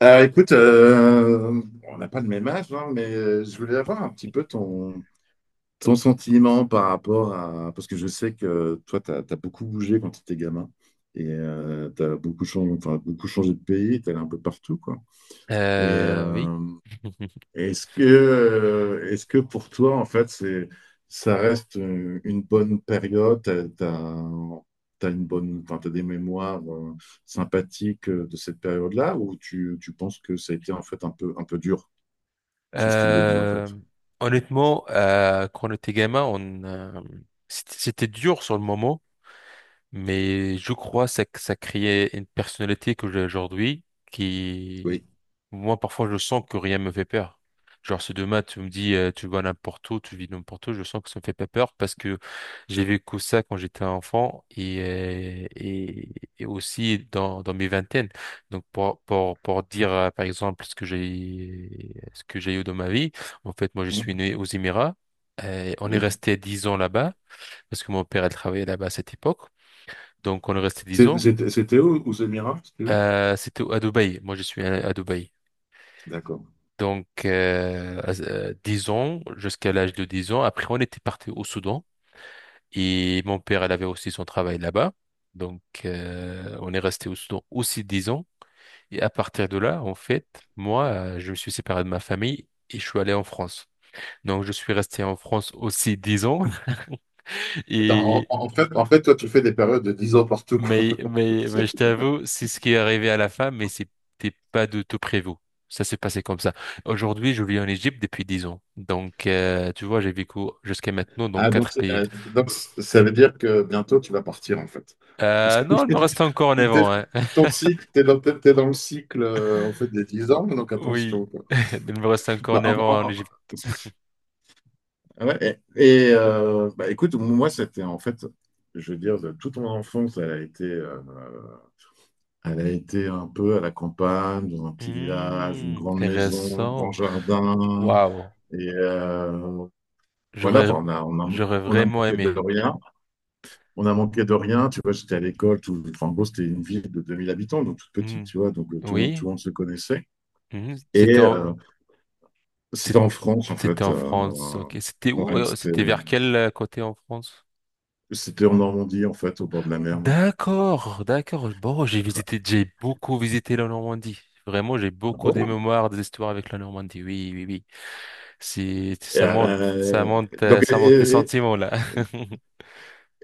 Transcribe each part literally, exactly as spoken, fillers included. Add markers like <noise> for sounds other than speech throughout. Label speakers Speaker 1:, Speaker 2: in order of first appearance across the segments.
Speaker 1: Alors écoute, euh, on n'a pas le même âge, hein, mais euh, je voulais avoir un petit peu ton, ton sentiment par rapport à. Parce que je sais que toi, tu as beaucoup bougé quand tu étais gamin. Et tu as beaucoup changé, enfin, beaucoup changé de pays, tu allé un peu partout, quoi. Et
Speaker 2: Euh, oui.
Speaker 1: euh,
Speaker 2: <laughs>
Speaker 1: est-ce que, euh, est-ce que pour toi, en fait, c'est, ça reste euh, une bonne période, t'as, t'as, t'as une bonne, enfin, t'as des mémoires euh, sympathiques euh, de cette période-là, ou tu, tu penses que ça a été en fait un peu, un peu dur, ce style de vie, en fait?
Speaker 2: Euh, Honnêtement, euh, quand on était gamin, on, euh, c'était c'était dur sur le moment, mais je crois que ça, ça créait une personnalité que j'ai aujourd'hui qui,
Speaker 1: Oui.
Speaker 2: Moi, parfois, je sens que rien me fait peur. Genre, si demain, tu me dis, euh, tu vas n'importe où, tu vis n'importe où, je sens que ça me fait pas peur parce que j'ai vécu ça quand j'étais enfant et, euh, et, et aussi dans, dans mes vingtaines. Donc, pour, pour, pour dire, euh, par exemple, ce que j'ai, ce que j'ai eu dans ma vie, en fait, moi, je suis
Speaker 1: Mhm.
Speaker 2: né aux Émirats. Euh, on est
Speaker 1: Oui.
Speaker 2: resté dix ans là-bas parce que mon père, elle travaillait là-bas à cette époque. Donc, on est resté dix
Speaker 1: C'est-
Speaker 2: ans.
Speaker 1: C'était où?
Speaker 2: Euh, c'était à Dubaï. Moi, je suis à à Dubaï.
Speaker 1: D'accord.
Speaker 2: Donc, euh, à- euh, dix ans, jusqu'à l'âge de dix ans. Après, on était parti au Soudan et mon père, elle avait aussi son travail là-bas. Donc, euh, on est resté au Soudan aussi dix ans. Et à partir de là, en fait, moi, euh, je me suis séparé de ma famille et je suis allé en France. Donc, je suis resté en France aussi dix ans. <laughs>
Speaker 1: Attends, en,
Speaker 2: Et
Speaker 1: en fait, en fait, toi, tu fais des périodes de dix ans partout, quoi.
Speaker 2: Mais, mais, mais je
Speaker 1: <laughs>
Speaker 2: t'avoue, c'est ce qui est arrivé à la fin, mais c'était pas du tout prévu. Ça s'est passé comme ça. Aujourd'hui, je vis en Égypte depuis dix ans. Donc, euh, tu vois, j'ai vécu jusqu'à maintenant dans
Speaker 1: Ah, donc,
Speaker 2: quatre pays.
Speaker 1: euh, donc, ça veut dire que bientôt, tu vas partir, en fait. Parce
Speaker 2: Euh,
Speaker 1: que
Speaker 2: non, il me reste encore
Speaker 1: <laughs>
Speaker 2: neuf
Speaker 1: t'es-
Speaker 2: ans, hein. <laughs>
Speaker 1: ton cycle, t'es dans, t'es dans le cycle, euh, en fait, des dix ans, donc
Speaker 2: Oui,
Speaker 1: attention, quoi.
Speaker 2: <laughs> il me reste encore
Speaker 1: Bah,
Speaker 2: neuf
Speaker 1: en-
Speaker 2: ans en
Speaker 1: en-
Speaker 2: Égypte.
Speaker 1: en- ouais, et et, euh, bah, écoute, moi, c'était en fait, je veux dire, de toute mon enfance, elle a été, euh, elle a été un peu à la campagne, dans un petit village, une
Speaker 2: Hmm,
Speaker 1: grande maison, un grand
Speaker 2: intéressant.
Speaker 1: jardin.
Speaker 2: Waouh.
Speaker 1: Et, euh, Voilà,
Speaker 2: J'aurais,
Speaker 1: enfin, on a, on a,
Speaker 2: j'aurais
Speaker 1: on a
Speaker 2: vraiment
Speaker 1: manqué de
Speaker 2: aimé.
Speaker 1: rien. On a manqué de rien. Tu vois, j'étais à l'école. Tout, enfin, en gros, c'était une ville de deux mille habitants, donc toute
Speaker 2: Hmm.
Speaker 1: petite, tu vois. Donc, euh, tout le monde, tout
Speaker 2: Oui.
Speaker 1: le monde se connaissait.
Speaker 2: Hmm. C'était
Speaker 1: Et
Speaker 2: en,
Speaker 1: euh, c'était
Speaker 2: c'est-
Speaker 1: en France, en
Speaker 2: c'était
Speaker 1: fait.
Speaker 2: en France.
Speaker 1: euh,
Speaker 2: Ok. C'était où?
Speaker 1: ouais,
Speaker 2: euh,
Speaker 1: c'était,
Speaker 2: C'était vers quel euh, côté en France?
Speaker 1: c'était en Normandie, en fait, au bord de la mer.
Speaker 2: D'accord, d'accord. Bon, j'ai visité, j'ai beaucoup visité la Normandie. Vraiment, j'ai
Speaker 1: Ah
Speaker 2: beaucoup des
Speaker 1: bon?
Speaker 2: mémoires, des histoires avec la Normandie. Oui, oui, oui. C'est,
Speaker 1: Et,
Speaker 2: ça monte, ça
Speaker 1: euh,
Speaker 2: monte, euh,
Speaker 1: donc,
Speaker 2: ça monte les
Speaker 1: et, et-
Speaker 2: sentiments là. <laughs>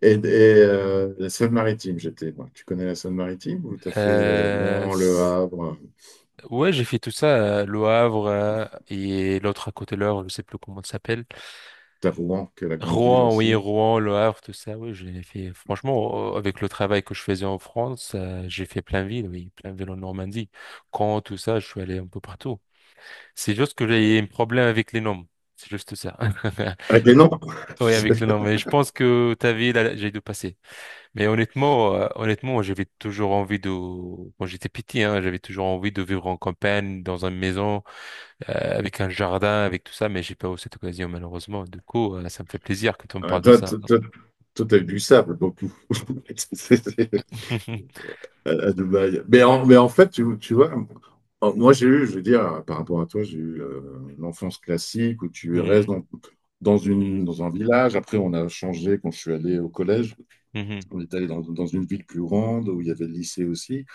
Speaker 1: et- et, euh, la Seine-Maritime, j'étais, moi. Tu connais la Seine-Maritime? Ou t'as fait euh,
Speaker 2: Euh,
Speaker 1: Rouen, Le
Speaker 2: s-
Speaker 1: Havre?
Speaker 2: ouais, j'ai fait tout ça, euh, Le Havre euh, et l'autre à côté de Le Havre, je sais plus comment ça s'appelle.
Speaker 1: T'as Rouen, qui est la grande ville
Speaker 2: Rouen, oui,
Speaker 1: aussi.
Speaker 2: Rouen, Le Havre, tout ça. Oui, j'ai fait. Franchement, euh, avec le travail que je faisais en France, euh, j'ai fait plein de villes, oui, plein de villes en Normandie. Caen, tout ça, je suis allé un peu partout. C'est juste que j'ai un problème avec les noms. C'est juste ça. <laughs>
Speaker 1: Avec les noms.
Speaker 2: Oui, avec
Speaker 1: <laughs>
Speaker 2: les noms. Mais je pense que ta vie, là, j'ai dû passer. Mais honnêtement, euh, honnêtement, j'avais toujours envie de, quand j'étais petit, hein, j'avais toujours envie de vivre en campagne, dans une maison, euh, avec un jardin, avec tout ça. Mais j'ai pas eu cette occasion, malheureusement. Du coup, euh, ça me fait plaisir quand on me
Speaker 1: Ah,
Speaker 2: parle de
Speaker 1: Toi,
Speaker 2: ça.
Speaker 1: toi, toi, toi, t'as eu du sable beaucoup <laughs> C'est- c'est-
Speaker 2: <laughs>
Speaker 1: à à Dubaï. Mais en, mais en fait, tu, tu vois, en- moi j'ai eu, je veux dire, par rapport à toi, j'ai eu euh, l'enfance classique où tu restes
Speaker 2: Mhm.
Speaker 1: dans, dans une, dans un village. Après, on a changé quand je suis allé au collège.
Speaker 2: Mhm.
Speaker 1: On est allé dans, dans une ville plus grande où il y avait le lycée aussi.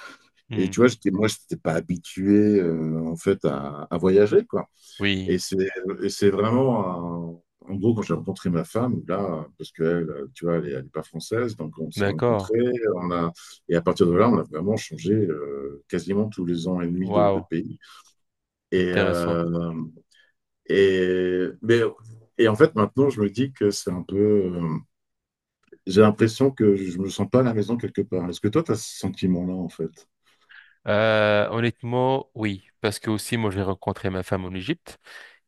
Speaker 1: Et
Speaker 2: Mhm.
Speaker 1: tu vois, j'étais- moi, je n'étais pas habitué euh, en fait à, à voyager, quoi. Et
Speaker 2: Oui.
Speaker 1: c'est et c'est vraiment un- En gros, quand j'ai rencontré ma femme, là, parce qu'elle, tu vois, elle n'est pas française, donc on s'est
Speaker 2: D'accord.
Speaker 1: rencontrés, on a, et à partir de là, on a vraiment changé euh, quasiment tous les ans et demi de, de
Speaker 2: Waouh.
Speaker 1: pays. Et,
Speaker 2: Intéressant.
Speaker 1: euh, et, mais, et en fait, maintenant, je me dis que c'est un peu. Euh, j'ai l'impression que je me sens pas à la maison quelque part. Est-ce que toi, tu as ce sentiment-là, en fait?
Speaker 2: Euh, honnêtement, oui. Parce que aussi, moi, j'ai rencontré ma femme en Égypte.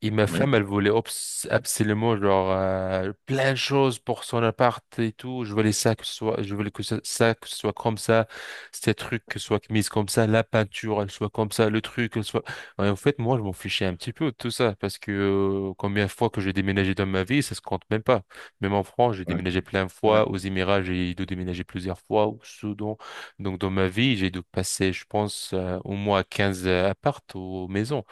Speaker 2: Et ma
Speaker 1: Oui.
Speaker 2: femme, elle voulait obs- absolument genre euh, plein de choses pour son appart et tout. Je voulais ça que ce soit, je voulais que ça, ça, que ce soit comme ça, ces trucs que ce soit mise comme ça, la peinture elle soit comme ça, le truc elle soit. Ouais, en fait, moi, je m'en fichais un petit peu de tout ça parce que euh, combien de fois que j'ai déménagé dans ma vie, ça se compte même pas. Même en France, j'ai
Speaker 1: Ouais,
Speaker 2: déménagé plein de
Speaker 1: ouais,
Speaker 2: fois. Aux Émirats, j'ai dû déménager plusieurs fois. Au Soudan, donc dans ma vie, j'ai dû passer, je pense, euh, au moins quinze apparts aux maisons.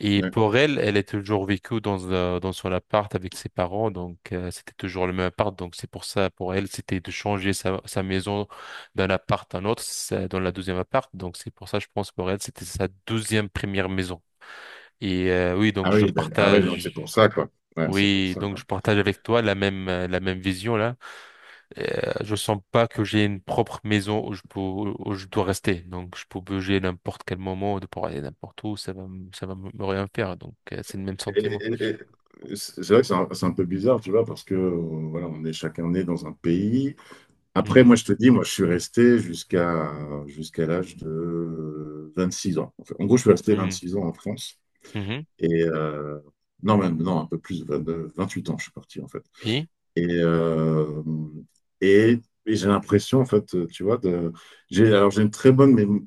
Speaker 2: Et
Speaker 1: ouais.
Speaker 2: pour elle, elle est toujours vécue dans, euh, dans son appart avec ses parents, donc euh, c'était toujours le même appart. Donc c'est pour ça, pour elle, c'était de changer sa, sa maison d'un appart à un autre, ça- dans la deuxième appart. Donc c'est pour ça, je pense, pour elle, c'était sa deuxième première maison. Et euh, oui,
Speaker 1: Ah
Speaker 2: donc je
Speaker 1: oui, d'ac- ah oui, donc c'est pour
Speaker 2: partage,
Speaker 1: ça, quoi. Ouais, c'est pour
Speaker 2: oui,
Speaker 1: ça,
Speaker 2: donc je
Speaker 1: quoi.
Speaker 2: partage avec toi la même euh, la même vision là. Euh, je sens pas que j'ai une propre maison où je peux où je dois rester. Donc je peux bouger n'importe quel moment, de pouvoir aller n'importe où, ça va m- ça va me me rien faire. Donc euh, c'est le même
Speaker 1: Et-
Speaker 2: sentiment.
Speaker 1: et- et- C'est c'est vrai que c'est un, c'est un peu bizarre, tu vois, parce que euh, voilà, on est chacun né dans un pays. Après,
Speaker 2: Hmm.
Speaker 1: moi, je te dis, moi, je suis resté jusqu'à jusqu'à l'âge de euh, six ans. En fait, en gros, je suis resté vingt
Speaker 2: Hmm.
Speaker 1: six ans en France.
Speaker 2: Mhm.
Speaker 1: Et euh, non, même, non, un peu plus, vingt vingt huit ans, je suis parti, en fait.
Speaker 2: Oui.
Speaker 1: Et, euh, et, et j'ai l'impression, en fait, tu vois, de, j'ai, alors j'ai une très bonne mémoire,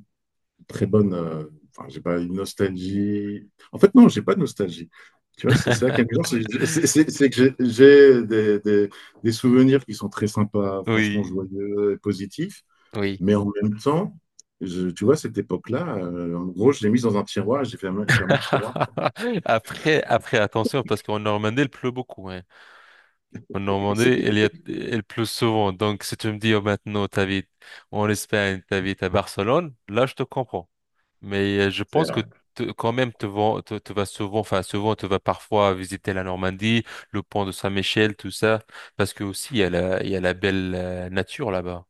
Speaker 1: très bonne. euh, Enfin, j'ai pas une nostalgie. En fait, non, j'ai pas de nostalgie. Tu vois, c'est ça qui est amusant,
Speaker 2: <laughs>
Speaker 1: c'est c'est- c'est- c'est que j'ai j'ai des, des- des souvenirs qui sont très sympas, franchement
Speaker 2: Oui.
Speaker 1: joyeux et positifs,
Speaker 2: Oui.
Speaker 1: mais en même temps, je- tu vois, cette époque-là, euh, en gros, je l'ai mise dans un tiroir, et j'ai fermé, fermé le tiroir.
Speaker 2: <laughs> Après, après, attention, parce qu'en Normandie, il pleut beaucoup, hein. En Normandie, il y a,
Speaker 1: <laughs>
Speaker 2: il pleut souvent. Donc, si tu me dis oh, maintenant, t'habites en Espagne, t'habites à Barcelone, là, je te comprends. Mais euh, je
Speaker 1: C'est
Speaker 2: pense que
Speaker 1: vrai.
Speaker 2: te- quand même, tu vas, tu, tu vas souvent, enfin, souvent, tu vas parfois visiter la Normandie, le pont de Saint-Michel, tout ça, parce que aussi, il y a la, il y a la belle euh, nature là-bas.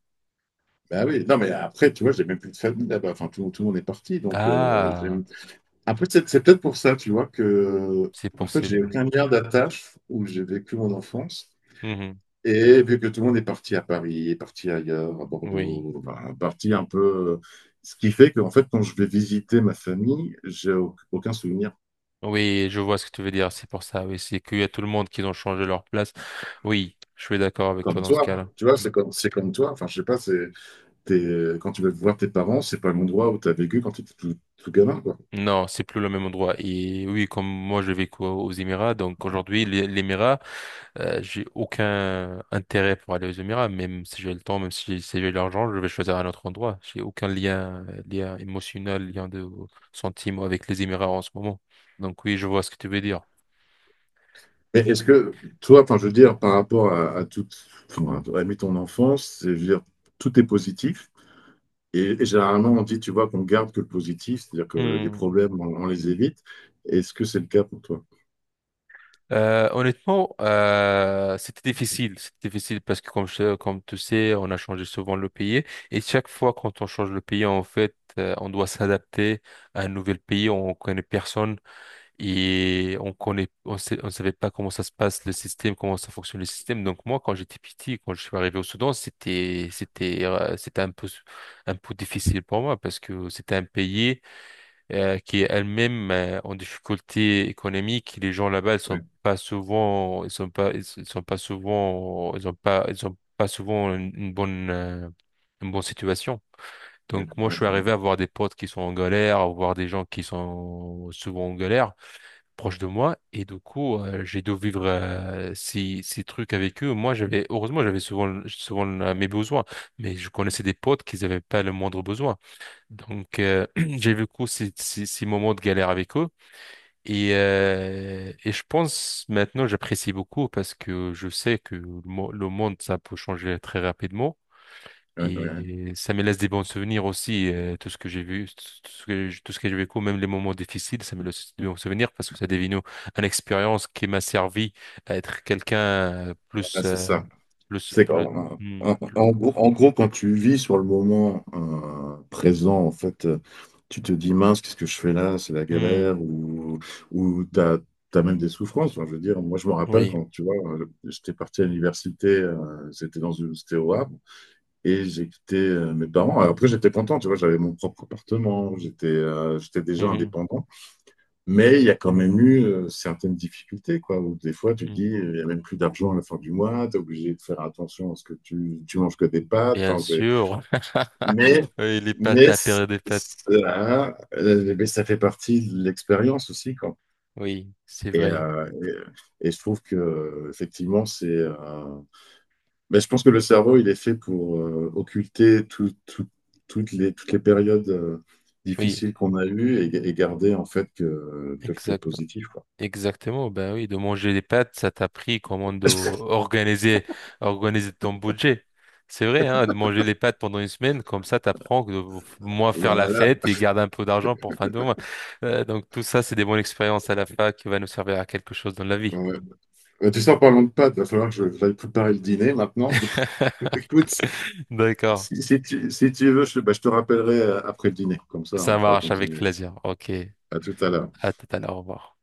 Speaker 1: Bah oui, non, mais après, tu vois, j'ai même plus de famille là-bas, enfin, tout, tout le monde est parti, donc euh, j'ai-
Speaker 2: Ah.
Speaker 1: Après, c'est c'est peut-être pour ça, tu vois, que,
Speaker 2: C'est
Speaker 1: en fait, j'ai
Speaker 2: possible.
Speaker 1: aucun lien d'attache où j'ai vécu mon enfance.
Speaker 2: Mhm.
Speaker 1: Et vu que tout le monde est parti à Paris, est parti ailleurs, à
Speaker 2: Oui.
Speaker 1: Bordeaux, bah, parti un peu. Ce qui fait qu'en fait, quand je vais visiter ma famille, j'ai au- aucun souvenir.
Speaker 2: Oui, je vois ce que tu veux dire. C'est pour ça. Oui, c'est qu'il y a tout le monde qui ont changé leur place. Oui, je suis d'accord avec toi
Speaker 1: Comme
Speaker 2: dans ce cas-là.
Speaker 1: toi, tu vois, c'est comme, c'est comme toi. Enfin, je sais pas, c'est, t'es- quand tu vas voir tes parents, c'est pas l'endroit où tu as vécu quand tu étais tout, tout gamin, quoi.
Speaker 2: Non, c'est plus le même endroit. Et oui, comme moi, j'ai vécu aux aux Émirats. Donc aujourd'hui, les- l'Émirat, euh, j'ai aucun intérêt pour aller aux Émirats. Même si j'ai le temps, même si j'ai si j'ai l'argent, je vais choisir un autre endroit. J'ai aucun lien, euh, lien émotionnel, lien de sentiment avec les Émirats en ce moment. Donc oui, je vois ce que tu veux dire.
Speaker 1: Et est-ce que toi, enfin, je veux dire, par rapport à, à toute, enfin, à, à ton enfance, c'est, je veux dire, tout est positif. Et, et généralement, on dit, tu vois, qu'on garde que le positif, c'est-à-dire que les problèmes, on, on les évite. Est-ce que c'est le cas pour toi?
Speaker 2: Euh, honnêtement, euh, c'était difficile. C'était difficile parce que comme, je- comme tu sais, on a changé souvent le pays et chaque fois quand on change le pays, en fait, euh, on doit s'adapter à un nouvel pays. On connaît personne et on connaît, on sait, on savait pas comment ça se passe le système, comment ça fonctionne le système. Donc moi, quand j'étais petit, quand je suis arrivé au Soudan, c'était, c'était, euh, c'était un peu, un peu difficile pour moi parce que c'était un pays euh, qui est elle-même euh, en difficulté économique. Les gens là-bas, ils sont
Speaker 1: Ouais,
Speaker 2: pas souvent, ils sont pas, ils sont ils sont pas souvent, ils ont pas, ils ont pas souvent une, une bonne, euh, une bonne situation.
Speaker 1: ouais,
Speaker 2: Donc moi, je
Speaker 1: ouais,
Speaker 2: suis
Speaker 1: ouais,
Speaker 2: arrivé à voir des potes qui sont en galère, à voir des gens qui sont souvent en galère, proche de moi, et du coup, euh, j'ai dû vivre euh, ces, ces trucs avec eux. Moi, j'avais, heureusement, j'avais souvent, souvent euh, mes besoins, mais je connaissais des potes qui n'avaient pas le moindre besoin. Donc, euh, <clears throat> j'ai vécu ces, ces, ces moments de galère avec eux. Et, euh, et je pense maintenant, j'apprécie beaucoup parce que je sais que le, mo- le monde, ça peut changer très rapidement.
Speaker 1: ouais, ouais. Ouais.
Speaker 2: Et ça me laisse des bons souvenirs aussi, euh, tout ce que j'ai vu, tout ce que, j'ai- tout ce que j'ai vécu, même les moments difficiles, ça me laisse des bons souvenirs parce que ça devenu une expérience qui m'a servi à être quelqu'un, euh, plus,
Speaker 1: Voilà, c'est
Speaker 2: euh,
Speaker 1: ça.
Speaker 2: plus,
Speaker 1: C'est
Speaker 2: plus,
Speaker 1: en,
Speaker 2: hmm,
Speaker 1: en-
Speaker 2: plus-
Speaker 1: en gros, en gros, quand tu vis sur le moment euh, présent, en fait, euh, tu te dis mince, qu'est-ce que je fais là? C'est la
Speaker 2: hmm,
Speaker 1: galère ou ou t'as as même des souffrances. Enfin, je veux dire, moi, je me rappelle
Speaker 2: oui.
Speaker 1: quand tu vois, euh, j'étais parti à l'université, euh, c'était dans une, c'était au Havre et j'ai quitté euh, mes parents. Alors, après, j'étais content, tu vois, j'avais mon propre appartement, j'étais euh, j'étais déjà
Speaker 2: Mhm,
Speaker 1: indépendant. Mais il y a quand même eu euh, certaines difficultés, quoi, où des fois tu te dis,
Speaker 2: mhm.
Speaker 1: euh, il n'y a même plus d'argent à la fin du mois, tu es obligé de faire attention à ce que tu, tu manges que des pâtes.
Speaker 2: Bien
Speaker 1: Enfin, c'est-
Speaker 2: sûr. <laughs>
Speaker 1: mais,
Speaker 2: Oui, les pâtes,
Speaker 1: mais,
Speaker 2: la
Speaker 1: c-
Speaker 2: période des pâtes.
Speaker 1: ça, euh, mais ça fait partie de l'expérience aussi, quoi.
Speaker 2: Oui, c'est
Speaker 1: Et,
Speaker 2: vrai.
Speaker 1: euh, et, et je trouve que, effectivement, c'est. euh, Mais je pense que le cerveau, il est fait pour euh, occulter tout- tout- toutes les, toutes les périodes euh,
Speaker 2: Oui,
Speaker 1: difficiles qu'on a eues et, et garder, en fait, que, que, que
Speaker 2: exact.
Speaker 1: positif, quoi.
Speaker 2: Exactement. Ben oui, de manger des pâtes, ça t'a pris comment de
Speaker 1: <laughs>
Speaker 2: organiser, organiser ton budget. C'est vrai, hein, de manger les pâtes pendant une semaine, comme ça, t'apprends que de f- moins faire
Speaker 1: Bah,
Speaker 2: la
Speaker 1: voilà,
Speaker 2: fête et garder un peu d'argent pour fin de mois. Euh, donc tout ça, c'est des bonnes expériences à la fac qui va nous servir à quelque chose dans la vie.
Speaker 1: ouais. Ouais. Bah, tu sais, en parlant de pâtes, il va falloir que je j'aille préparer le dîner maintenant. <laughs> Donc,
Speaker 2: <laughs>
Speaker 1: écoute,
Speaker 2: D'accord.
Speaker 1: si, si tu, si tu veux, je, bah, je te rappellerai euh, après le dîner. Comme ça,
Speaker 2: Ça
Speaker 1: on pourra
Speaker 2: marche avec
Speaker 1: continuer.
Speaker 2: plaisir. Ok.
Speaker 1: À tout à l'heure.
Speaker 2: À tout à l'heure. Au revoir.